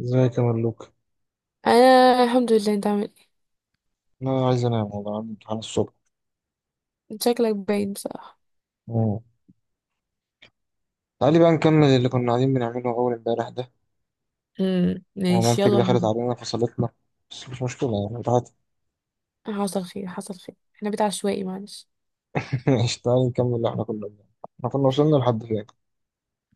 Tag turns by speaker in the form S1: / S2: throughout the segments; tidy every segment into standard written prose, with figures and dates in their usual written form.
S1: ازيك يا ملوك؟
S2: انا الحمد لله. انت عامل
S1: انا عايز انام والله، عندي امتحان الصبح.
S2: ايه؟ شكلك باين بصراحه.
S1: مم. تعالي بقى نكمل اللي كنا قاعدين بنعمله اول امبارح ده،
S2: ماشي
S1: ومامتك
S2: يلا
S1: دخلت
S2: بينا.
S1: علينا فصلتنا، بس مش مشكله يعني بتاعت.
S2: حصل خير حصل خير، احنا بيت عشوائي معلش.
S1: ماشي، تعالي نكمل اللي احنا كنا بنعمله. احنا كنا وصلنا لحد فين؟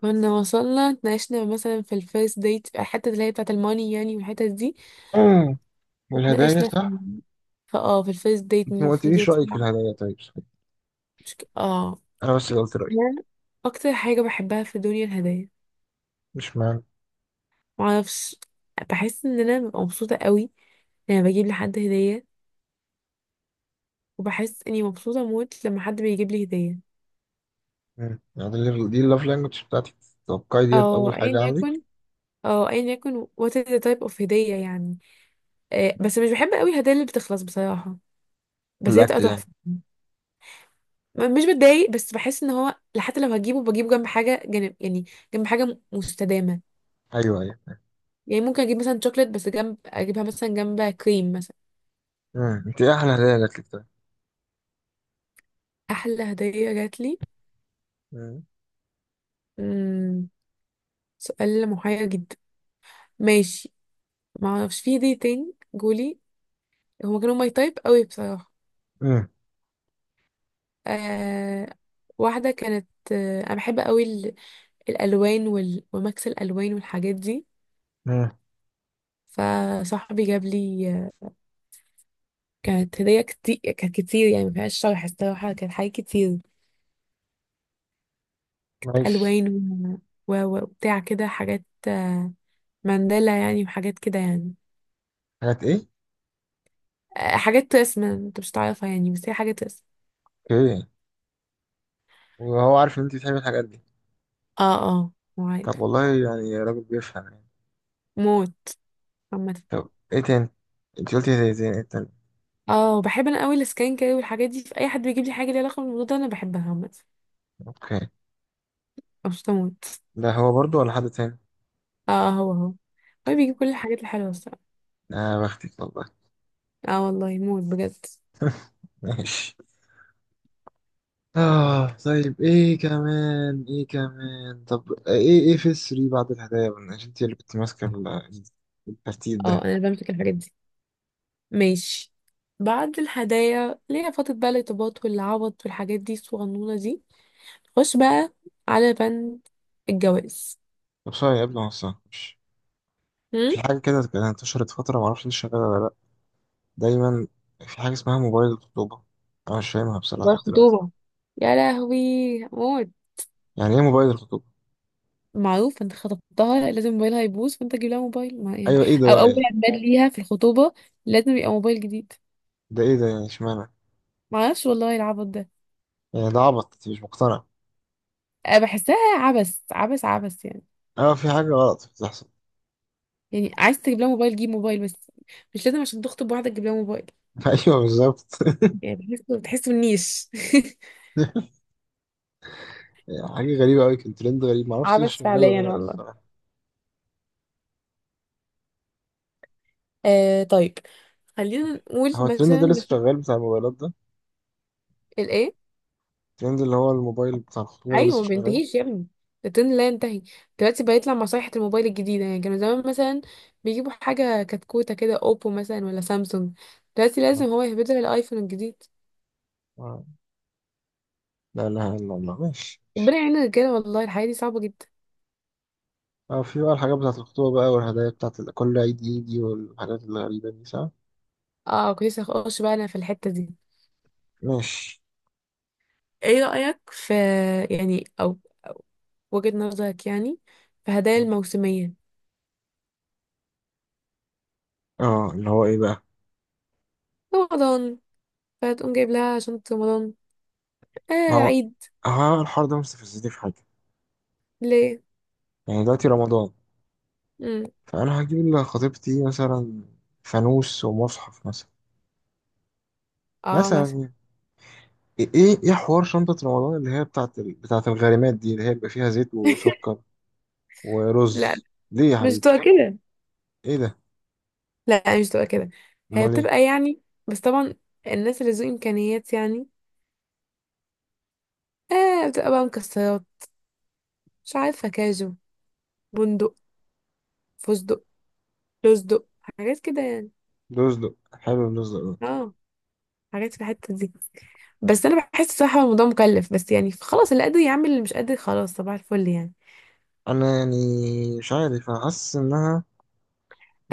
S2: كنا وصلنا، اتناقشنا مثلا في الفيرست ديت، الحته اللي هي بتاعه الماني يعني، والحته دي
S1: مم. والهدايا
S2: اتناقشنا في
S1: صح.
S2: في الفيرست ديت
S1: انت ما
S2: المفروض
S1: قلتليش رايك في
S2: يدفع.
S1: الهدايا طيب، صحيح.
S2: مش ك... اه،
S1: انا بس اللي قلت رايي.
S2: أنا اكتر حاجه بحبها في الدنيا الهدايا.
S1: مش معنى.
S2: معرفش، بحس ان انا ببقى مبسوطه قوي لما بجيب لحد هديه، وبحس اني مبسوطه موت لما حد بيجيب لي هديه.
S1: مم. يعني دي اللاف لانجوج بتاعتك. توقعي ديت
S2: او
S1: اول
S2: ايا
S1: حاجه عندك.
S2: يكن، اه ايا يكن what is the type of هدية يعني. آه بس مش بحب قوي الهدايا اللي بتخلص بصراحة، بس هي تبقى
S1: الاكل يعني؟
S2: تحفة. مش بتضايق بس بحس ان هو حتى لو هجيبه بجيبه جنب حاجة، جنب يعني، جنب حاجة مستدامة.
S1: ايوه ايوه.
S2: يعني ممكن اجيب مثلا شوكليت بس جنب اجيبها مثلا جنب كريم مثلا.
S1: مم. انت ايه احلى هدايا لك طيب؟
S2: احلى هدية جات لي،
S1: مم.
S2: مم، سؤال محير جدا. ماشي، ما اعرفش، في هدية تاني جولي، هما كانوا ماي تايب قوي بصراحة.
S1: مم.
S2: آه، واحدة كانت، انا بحب قوي الالوان ومكس الالوان والحاجات دي.
S1: مم.
S2: فصاحبي جاب لي كانت هديه كتير، كانت كتير يعني ما فيهاش شرح الصراحه، كانت حاجات كتير.
S1: نايس.
S2: الوان وبتاع كده حاجات، مانديلا يعني وحاجات كده يعني.
S1: حاجات ايه؟
S2: آه، حاجات رسم انت مش تعرفها يعني، بس هي حاجات رسم.
S1: اوكي، وهو عارف ان انت بتحبي الحاجات دي؟
S2: اه
S1: طب
S2: معايف
S1: والله يعني راجل بيفهم يعني.
S2: موت. عامة
S1: طب ايه تاني؟ انت قلتي زي ايه تاني؟
S2: اه بحب انا قوي السكان كده والحاجات دي، في اي حد بيجيب لي حاجه ليها علاقه بالموضوع ده انا بحبها عامة،
S1: اوكي.
S2: مبسوطه موت.
S1: ده هو برضو ولا حد تاني؟
S2: اه، هو هو بيجيب كل الحاجات الحلوه الصراحه.
S1: اه بختك والله.
S2: اه والله موت بجد.
S1: ماشي. اه طيب، ايه كمان ايه كمان؟ طب ايه ايه في السري بعد الهدايا بقى؟ عشان انت اللي كنت ماسكه الترتيب
S2: اه،
S1: ده.
S2: انا اللي بمسك الحاجات دي. ماشي، بعد الهدايا اللي هي فترة بقى الارتباط والعوض والحاجات دي الصغنونة دي، خش بقى على بند الجواز.
S1: طب سوري قبل ما اوصل، مش
S2: هم؟
S1: في حاجه كده كانت انتشرت فتره، معرفش انت شغاله ولا لا. دايما في حاجه اسمها موبايل الخطوبه. انا مش فاهمها بصراحه لحد دلوقتي.
S2: والخطوبة، يا لهوي موت.
S1: يعني ايه موبايل الخطوبه؟
S2: معروف انت خطبتها لازم موبايلها يبوظ فانت تجيب لها موبايل ما يعني.
S1: ايوه، ايه ده
S2: او
S1: بقى
S2: اول
S1: يعني؟
S2: عيد ليها في الخطوبة لازم يبقى موبايل جديد.
S1: ده ايه ده يعني، اشمعنى؟
S2: معرفش والله العبط ده.
S1: يعني ده عبط، انت مش مقتنع؟
S2: أنا بحسها عبث يعني.
S1: اه في حاجة غلط بتحصل.
S2: يعني عايز تجيب لها موبايل، جيب موبايل بس. مش لازم عشان تخطب واحدة تجيب لها موبايل.
S1: ايوه بالظبط.
S2: يعني بحسه، بتحسه النيش.
S1: حاجة غريبة أوي، كان ترند غريب، معرفش لسه
S2: عبث
S1: شغال ولا
S2: فعليا
S1: لأ
S2: والله.
S1: الصراحة.
S2: آه طيب، خلينا نقول
S1: هو الترند
S2: مثلا،
S1: ده لسه
S2: مثل
S1: شغال، بتاع الموبايلات ده؟
S2: الايه؟
S1: الترند اللي هو الموبايل بتاع الخطوبة ده
S2: ايوه
S1: لسه
S2: ما
S1: شغال؟
S2: بينتهيش يا ابني، الترند لا ينتهي. دلوقتي بقيت لما صيحة الموبايل الجديدة يعني، كانوا زمان مثلا بيجيبوا حاجة كتكوتة كده، اوبو مثلا ولا سامسونج. دلوقتي لازم
S1: آه.
S2: هو يهبدها الايفون الجديد.
S1: آه. لا لا لا لا، ماشي
S2: ربنا
S1: ماشي.
S2: يعين الرجالة والله، الحياة دي صعبة جدا.
S1: اه، في بقى الحاجات بتاعت الخطوبة بقى، والهدايا بتاعت ال- كل عيد يجي، والحاجات الغريبة دي، صح؟
S2: اه كنت لسه هخش بقى انا في الحتة دي.
S1: ماشي.
S2: ايه رأيك في، يعني، او، أو وجهة نظرك يعني، في هدايا الموسمية؟
S1: اه اللي هو ايه بقى؟
S2: رمضان، فتقوم جايب لها شنطة رمضان، آه
S1: ما هو،
S2: العيد.
S1: هو الحوار ده مستفزني في حاجة.
S2: ليه؟
S1: يعني دلوقتي رمضان،
S2: امم
S1: فأنا هجيب لخطيبتي مثلا فانوس ومصحف مثلا.
S2: اه
S1: مثلا
S2: مثلا.
S1: يعني. ايه ايه إيه حوار شنطة رمضان اللي هي بتاعت الغارمات دي، اللي هي بيبقى فيها زيت وسكر
S2: لا
S1: ورز؟ ليه يا
S2: مش
S1: حبيبي؟
S2: بتبقى كده،
S1: ايه ده؟
S2: لا مش بتبقى كده. هي
S1: امال ايه؟
S2: بتبقى يعني، بس طبعا الناس اللي ذو إمكانيات يعني، آه بتبقى بقى مكسرات، مش عارفة، كاجو، بندق، فستق، لوزدق، حاجات كده يعني.
S1: رزق، حلو الرزق ده.
S2: اه حاجات في الحتة دي. بس أنا بحس صراحة الموضوع مكلف، بس يعني خلاص اللي قادر يعمل، اللي مش قادر خلاص صباح الفل يعني.
S1: انا يعني مش عارف، انا حاسس انها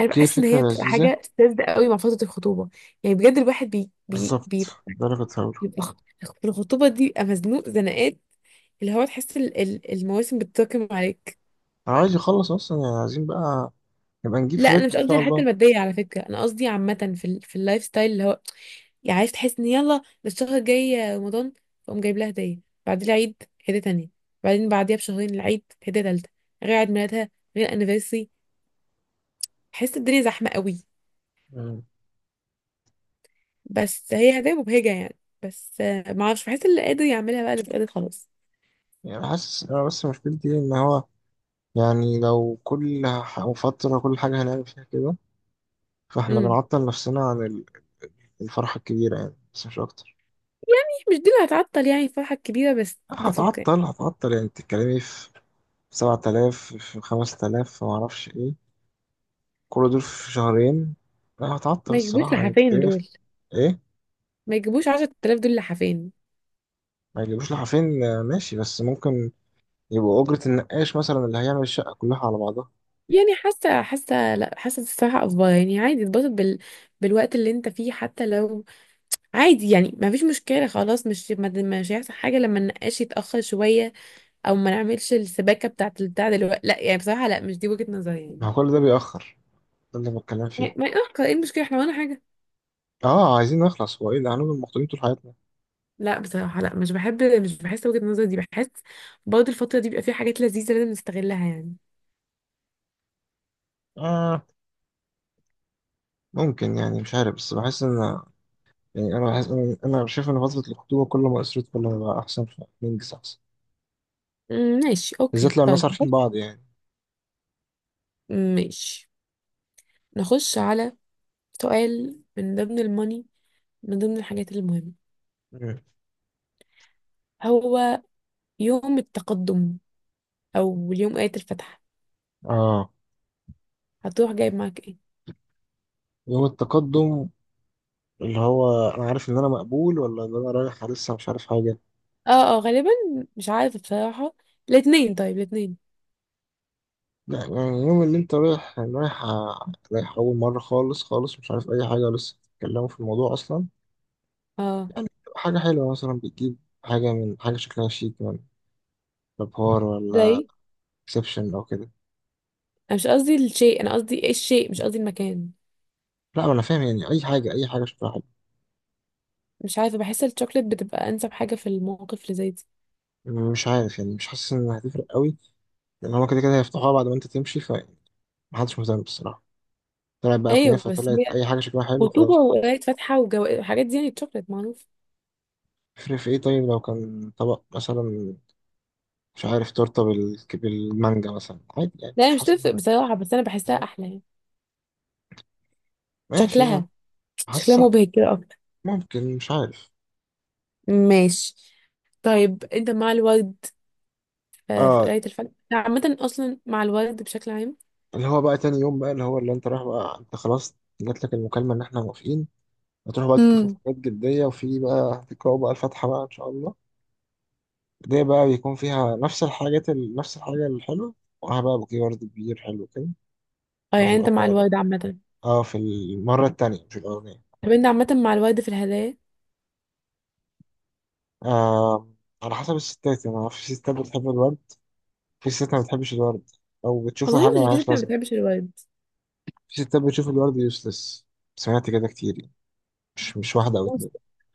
S2: أنا بحس إن
S1: فكرة
S2: هي بتبقى
S1: لذيذة.
S2: حاجة ساذجة قوي مع فترة الخطوبة، يعني بجد الواحد بي بي
S1: بالظبط،
S2: بيبقى،
S1: ده اللي كنت هقوله.
S2: يبقى في الخطوبة دي يبقى مزنوق زنقات، اللي هو تحس المواسم بتتراكم عليك.
S1: انا عايز يخلص اصلا يعني، عايزين بقى نبقى نجيب
S2: لا
S1: في
S2: انا
S1: بيتنا
S2: مش
S1: ان
S2: قصدي
S1: شاء
S2: على الحته
S1: الله.
S2: الماديه على فكره، انا قصدي عامه في في اللايف ستايل اللي هو، يعني عايز تحس ان يلا ده الشهر الجاي رمضان، فقوم جايب لها هديه. بعد العيد هديه تانية، بعدين بعديها بشهرين العيد هديه تالتة، غير عيد ميلادها، غير انيفرسري. تحس الدنيا زحمه قوي.
S1: مم.
S2: بس هي هديه مبهجه يعني، بس آه، ما اعرفش بحس اللي قادر يعملها بقى، اللي مش قادر خلاص.
S1: يعني حاسس انا بس مشكلتي إيه، ان هو يعني لو كل فترة كل حاجة هنعمل فيها كده، فاحنا
S2: امم
S1: بنعطل نفسنا عن الفرحة الكبيرة يعني، بس مش أكتر.
S2: مش دي اللي هتعطل يعني الفرحه الكبيره بس. اتس اوكي.
S1: هتعطل هتعطل، يعني بتتكلمي في 7000 في 5000 في معرفش إيه، كل دول في شهرين. لا هتعطل
S2: ما يجيبوش
S1: الصراحة، يعني
S2: لحافين
S1: بتتكلمي في
S2: دول،
S1: إيه؟
S2: ما يجيبوش 10000 دول لحافين.
S1: ما يجيبوش لحافين؟ آه ماشي، بس ممكن يبقوا أجرة النقاش مثلا اللي هيعمل الشقة كلها على بعضها.
S2: يعني حاسه حاسه لا حاسه الصراحه افضل يعني، عادي اتبسط بالوقت اللي انت فيه، حتى لو عادي يعني، ما فيش مشكله خلاص، مش هيحصل حاجه لما النقاش يتاخر شويه، او ما نعملش السباكه بتاعه البتاع دلوقتي، لا يعني بصراحه، لا مش دي وجهه نظري
S1: ما
S2: يعني.
S1: هو كل ده بيأخر، ده اللي بتكلم فيه.
S2: يعني ما يأخر، ايه المشكله، احنا ولا حاجه.
S1: اه عايزين نخلص، هو ايه ده، هنفضل مخطوبين طول حياتنا؟
S2: لا بصراحه لا، مش بحب مش بحس وجهه النظر دي، بحس برضه الفتره دي بيبقى فيها حاجات لذيذه لازم نستغلها يعني.
S1: آه ممكن يعني، مش عارف، بس بحس ان يعني، انا بحس، انا أنا شايف ان فتره الخطوبه كل ما قصرت كل ما بقى احسن، فننجز احسن.
S2: أمم، ماشي اوكي،
S1: بالذات لو الناس
S2: طيب
S1: عارفين
S2: بص،
S1: بعض يعني.
S2: ماشي، نخش على سؤال، من ضمن الماني، من ضمن الحاجات المهمة،
S1: مم.
S2: هو يوم التقدم أو اليوم آية الفتح،
S1: اه
S2: هتروح جايب معاك ايه؟
S1: يوم التقدم، اللي هو انا عارف ان انا مقبول، ولا ان انا رايح لسه مش عارف حاجه؟
S2: اه غالبا، مش عارفة بصراحة، الاتنين، طيب الاتنين،
S1: لا يعني يوم اللي انت رايح، رايح رايح اول مره خالص خالص، مش عارف اي حاجه ولسه بتتكلموا في الموضوع اصلا.
S2: اه
S1: يعني بتبقى حاجه حلوه مثلا، بتجيب حاجه من حاجه شكلها شيك، من بابار ولا
S2: زي.
S1: اكسبشن او كده.
S2: أنا مش قصدي الشيء، أنا قصدي ايه الشيء، مش قصدي المكان.
S1: لا ما انا فاهم، يعني اي حاجه اي حاجه شكلها حلو.
S2: مش عارفة، بحس الشوكليت بتبقى أنسب حاجة في المواقف اللي زي دي.
S1: مش عارف يعني، مش حاسس انها هتفرق قوي، لان هو كده كده هيفتحوها بعد ما انت تمشي، فمحدش مهتم بالصراحه. طلعت بقى
S2: أيوة
S1: كنافه،
S2: بس
S1: طلعت
S2: هي
S1: اي حاجه شكلها حلو،
S2: خطوبة
S1: خلاص.
S2: وقراية فاتحة والحاجات دي يعني، الشوكليت معروف.
S1: يفرق في ايه طيب لو كان طبق مثلا، مش عارف، تورته بالمانجا مثلا، عادي يعني،
S2: لا هي
S1: مش
S2: مش
S1: حاسس بحاجة.
S2: تفرق بصراحة، بس أنا بحسها
S1: بالظبط،
S2: أحلى يعني.
S1: ماشي يعني،
S2: شكلها، شكلها
S1: حاسس.
S2: مبهج كده.
S1: ممكن، مش عارف.
S2: ماشي. طيب انت مع الورد، آه، في
S1: اه
S2: قراية الفن، انت عامة اصلا مع الورد بشكل عام؟
S1: اللي هو بقى تاني يوم، بقى اللي هو اللي انت رايح بقى، انت خلاص جات لك المكالمه ان احنا موافقين، هتروح بقى تكتبوا في
S2: امم
S1: حاجات جديه، وفي بقى هتقراوا بقى الفاتحه بقى ان شاء الله. دي بقى بيكون فيها نفس نفس الحاجه الحلوه، ومعاها بقى بوكيه ورد كبير حلو كده.
S2: اه،
S1: راح
S2: يعني انت مع
S1: مقطع عضل.
S2: الورد عامة.
S1: اه في المرة التانية مش الأولانية.
S2: طب انت عامة مع الورد في الهدايا؟
S1: آه، على حسب الستات يعني، في ستات بتحب الورد، في ستات ما بتحبش الورد أو بتشوفه
S2: اظن
S1: حاجة
S2: ان في
S1: ملهاش
S2: ست ما
S1: لازمة.
S2: بتحبش الورد.
S1: في ستات بتشوف الورد يوسلس، سمعت كده كتير يعني، مش واحدة أو
S2: بص،
S1: اتنين.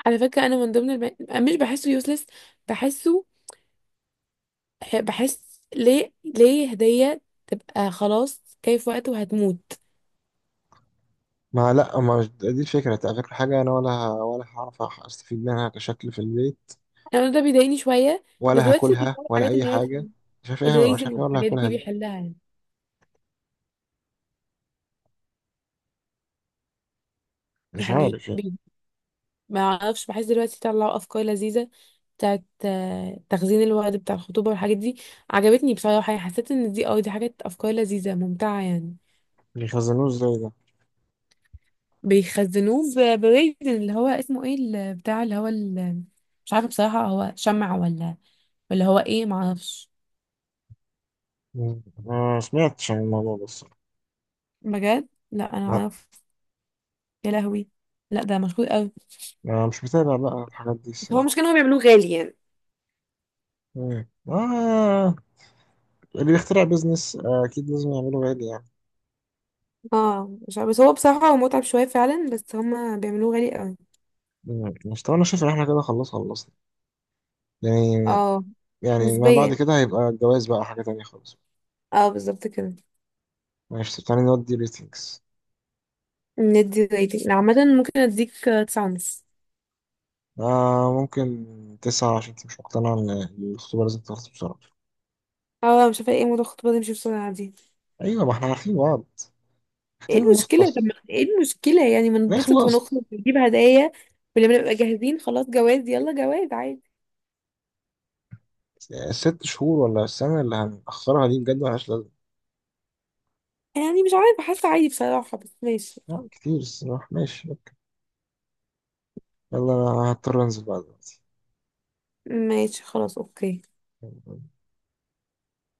S2: على فكرة انا من ضمن مش بحسه يوسلس، بحسه، بحس ليه هدية تبقى خلاص جاي في وقته وهتموت.
S1: ما لا ما مش- دي الفكرة، تغير حاجة؟ أنا ولا ولا هعرف أستفيد منها كشكل في البيت،
S2: انا ده بيضايقني شوية. بس
S1: ولا
S2: دلوقتي
S1: هاكلها
S2: بيطلعوا
S1: ولا
S2: الحاجات
S1: أي
S2: اللي هي
S1: حاجة. مش عارف إيه مش
S2: الريزن
S1: عارف إيه، ولا
S2: والحاجات
S1: هاكلها
S2: دي
S1: دي.
S2: بيحلها.
S1: مش
S2: يعني
S1: عارف يعني.
S2: ما اعرفش، بحس دلوقتي طلعوا افكار لذيذة بتاعت آه، تخزين الورد بتاع الخطوبة والحاجات دي. عجبتني بصراحة يعني، حسيت ان دي اه دي حاجات افكار لذيذة ممتعة يعني.
S1: بيخزنوه إزاي ده؟
S2: بيخزنوه بريزن اللي هو اسمه ايه، بتاع اللي هو مش عارفة بصراحة، هو شمع ولا ولا هو ايه معرفش.
S1: مم. ما سمعتش عن الموضوع ده الصراحة.
S2: بجد لا انا
S1: لا،
S2: اعرف. يا لهوي، لا ده مشهور قوي.
S1: أنا مش متابع بقى الحاجات دي
S2: بس هو
S1: الصراحة.
S2: مش كانوا بيعملوه غالي يعني.
S1: مم. آه، اللي بيخترع بيزنس آه، أكيد لازم يعمله غالي يعني.
S2: اه مش عارفة، بس هو بصراحة هو متعب شوية فعلا، بس هما بيعملوه غالي قوي.
S1: مم. مش طبعا، أنا شايف إن إحنا كده خلاص خلصنا يعني.
S2: اه
S1: يعني ما بعد
S2: نسبيا،
S1: كده هيبقى الجواز بقى حاجة تانية خالص.
S2: اه بالظبط كده.
S1: ماشي تعالى نودي ريتنجز.
S2: ندي ريتنج، عامة ممكن اديك تسعة ونص.
S1: آه ممكن 9، عشان أنت مش مقتنع إن الخطوبة لازم تخلص بسرعة.
S2: اه مش عارفه ايه موضوع الخطوبه دي مش بسرعه دي.
S1: أيوة ما إحنا عارفين بعض،
S2: ايه
S1: محتاجين
S2: المشكله، طب
S1: نخلص
S2: ما ايه المشكله يعني، ما نتبسط
S1: نخلص.
S2: ونخرج ونجيب هدايا، ولما نبقى جاهزين خلاص جواز، يلا جواز عادي.
S1: 6 شهور ولا السنة اللي هنأخرها دي بجد ملهاش لازمة.
S2: يعني مش عارفه، حاسه عادي بصراحه، بس ماشي.
S1: لا كتير الصراحة، ماشي أوكي. يلا، أنا هضطر أنزل بقى دلوقتي.
S2: ماشي خلاص اوكي.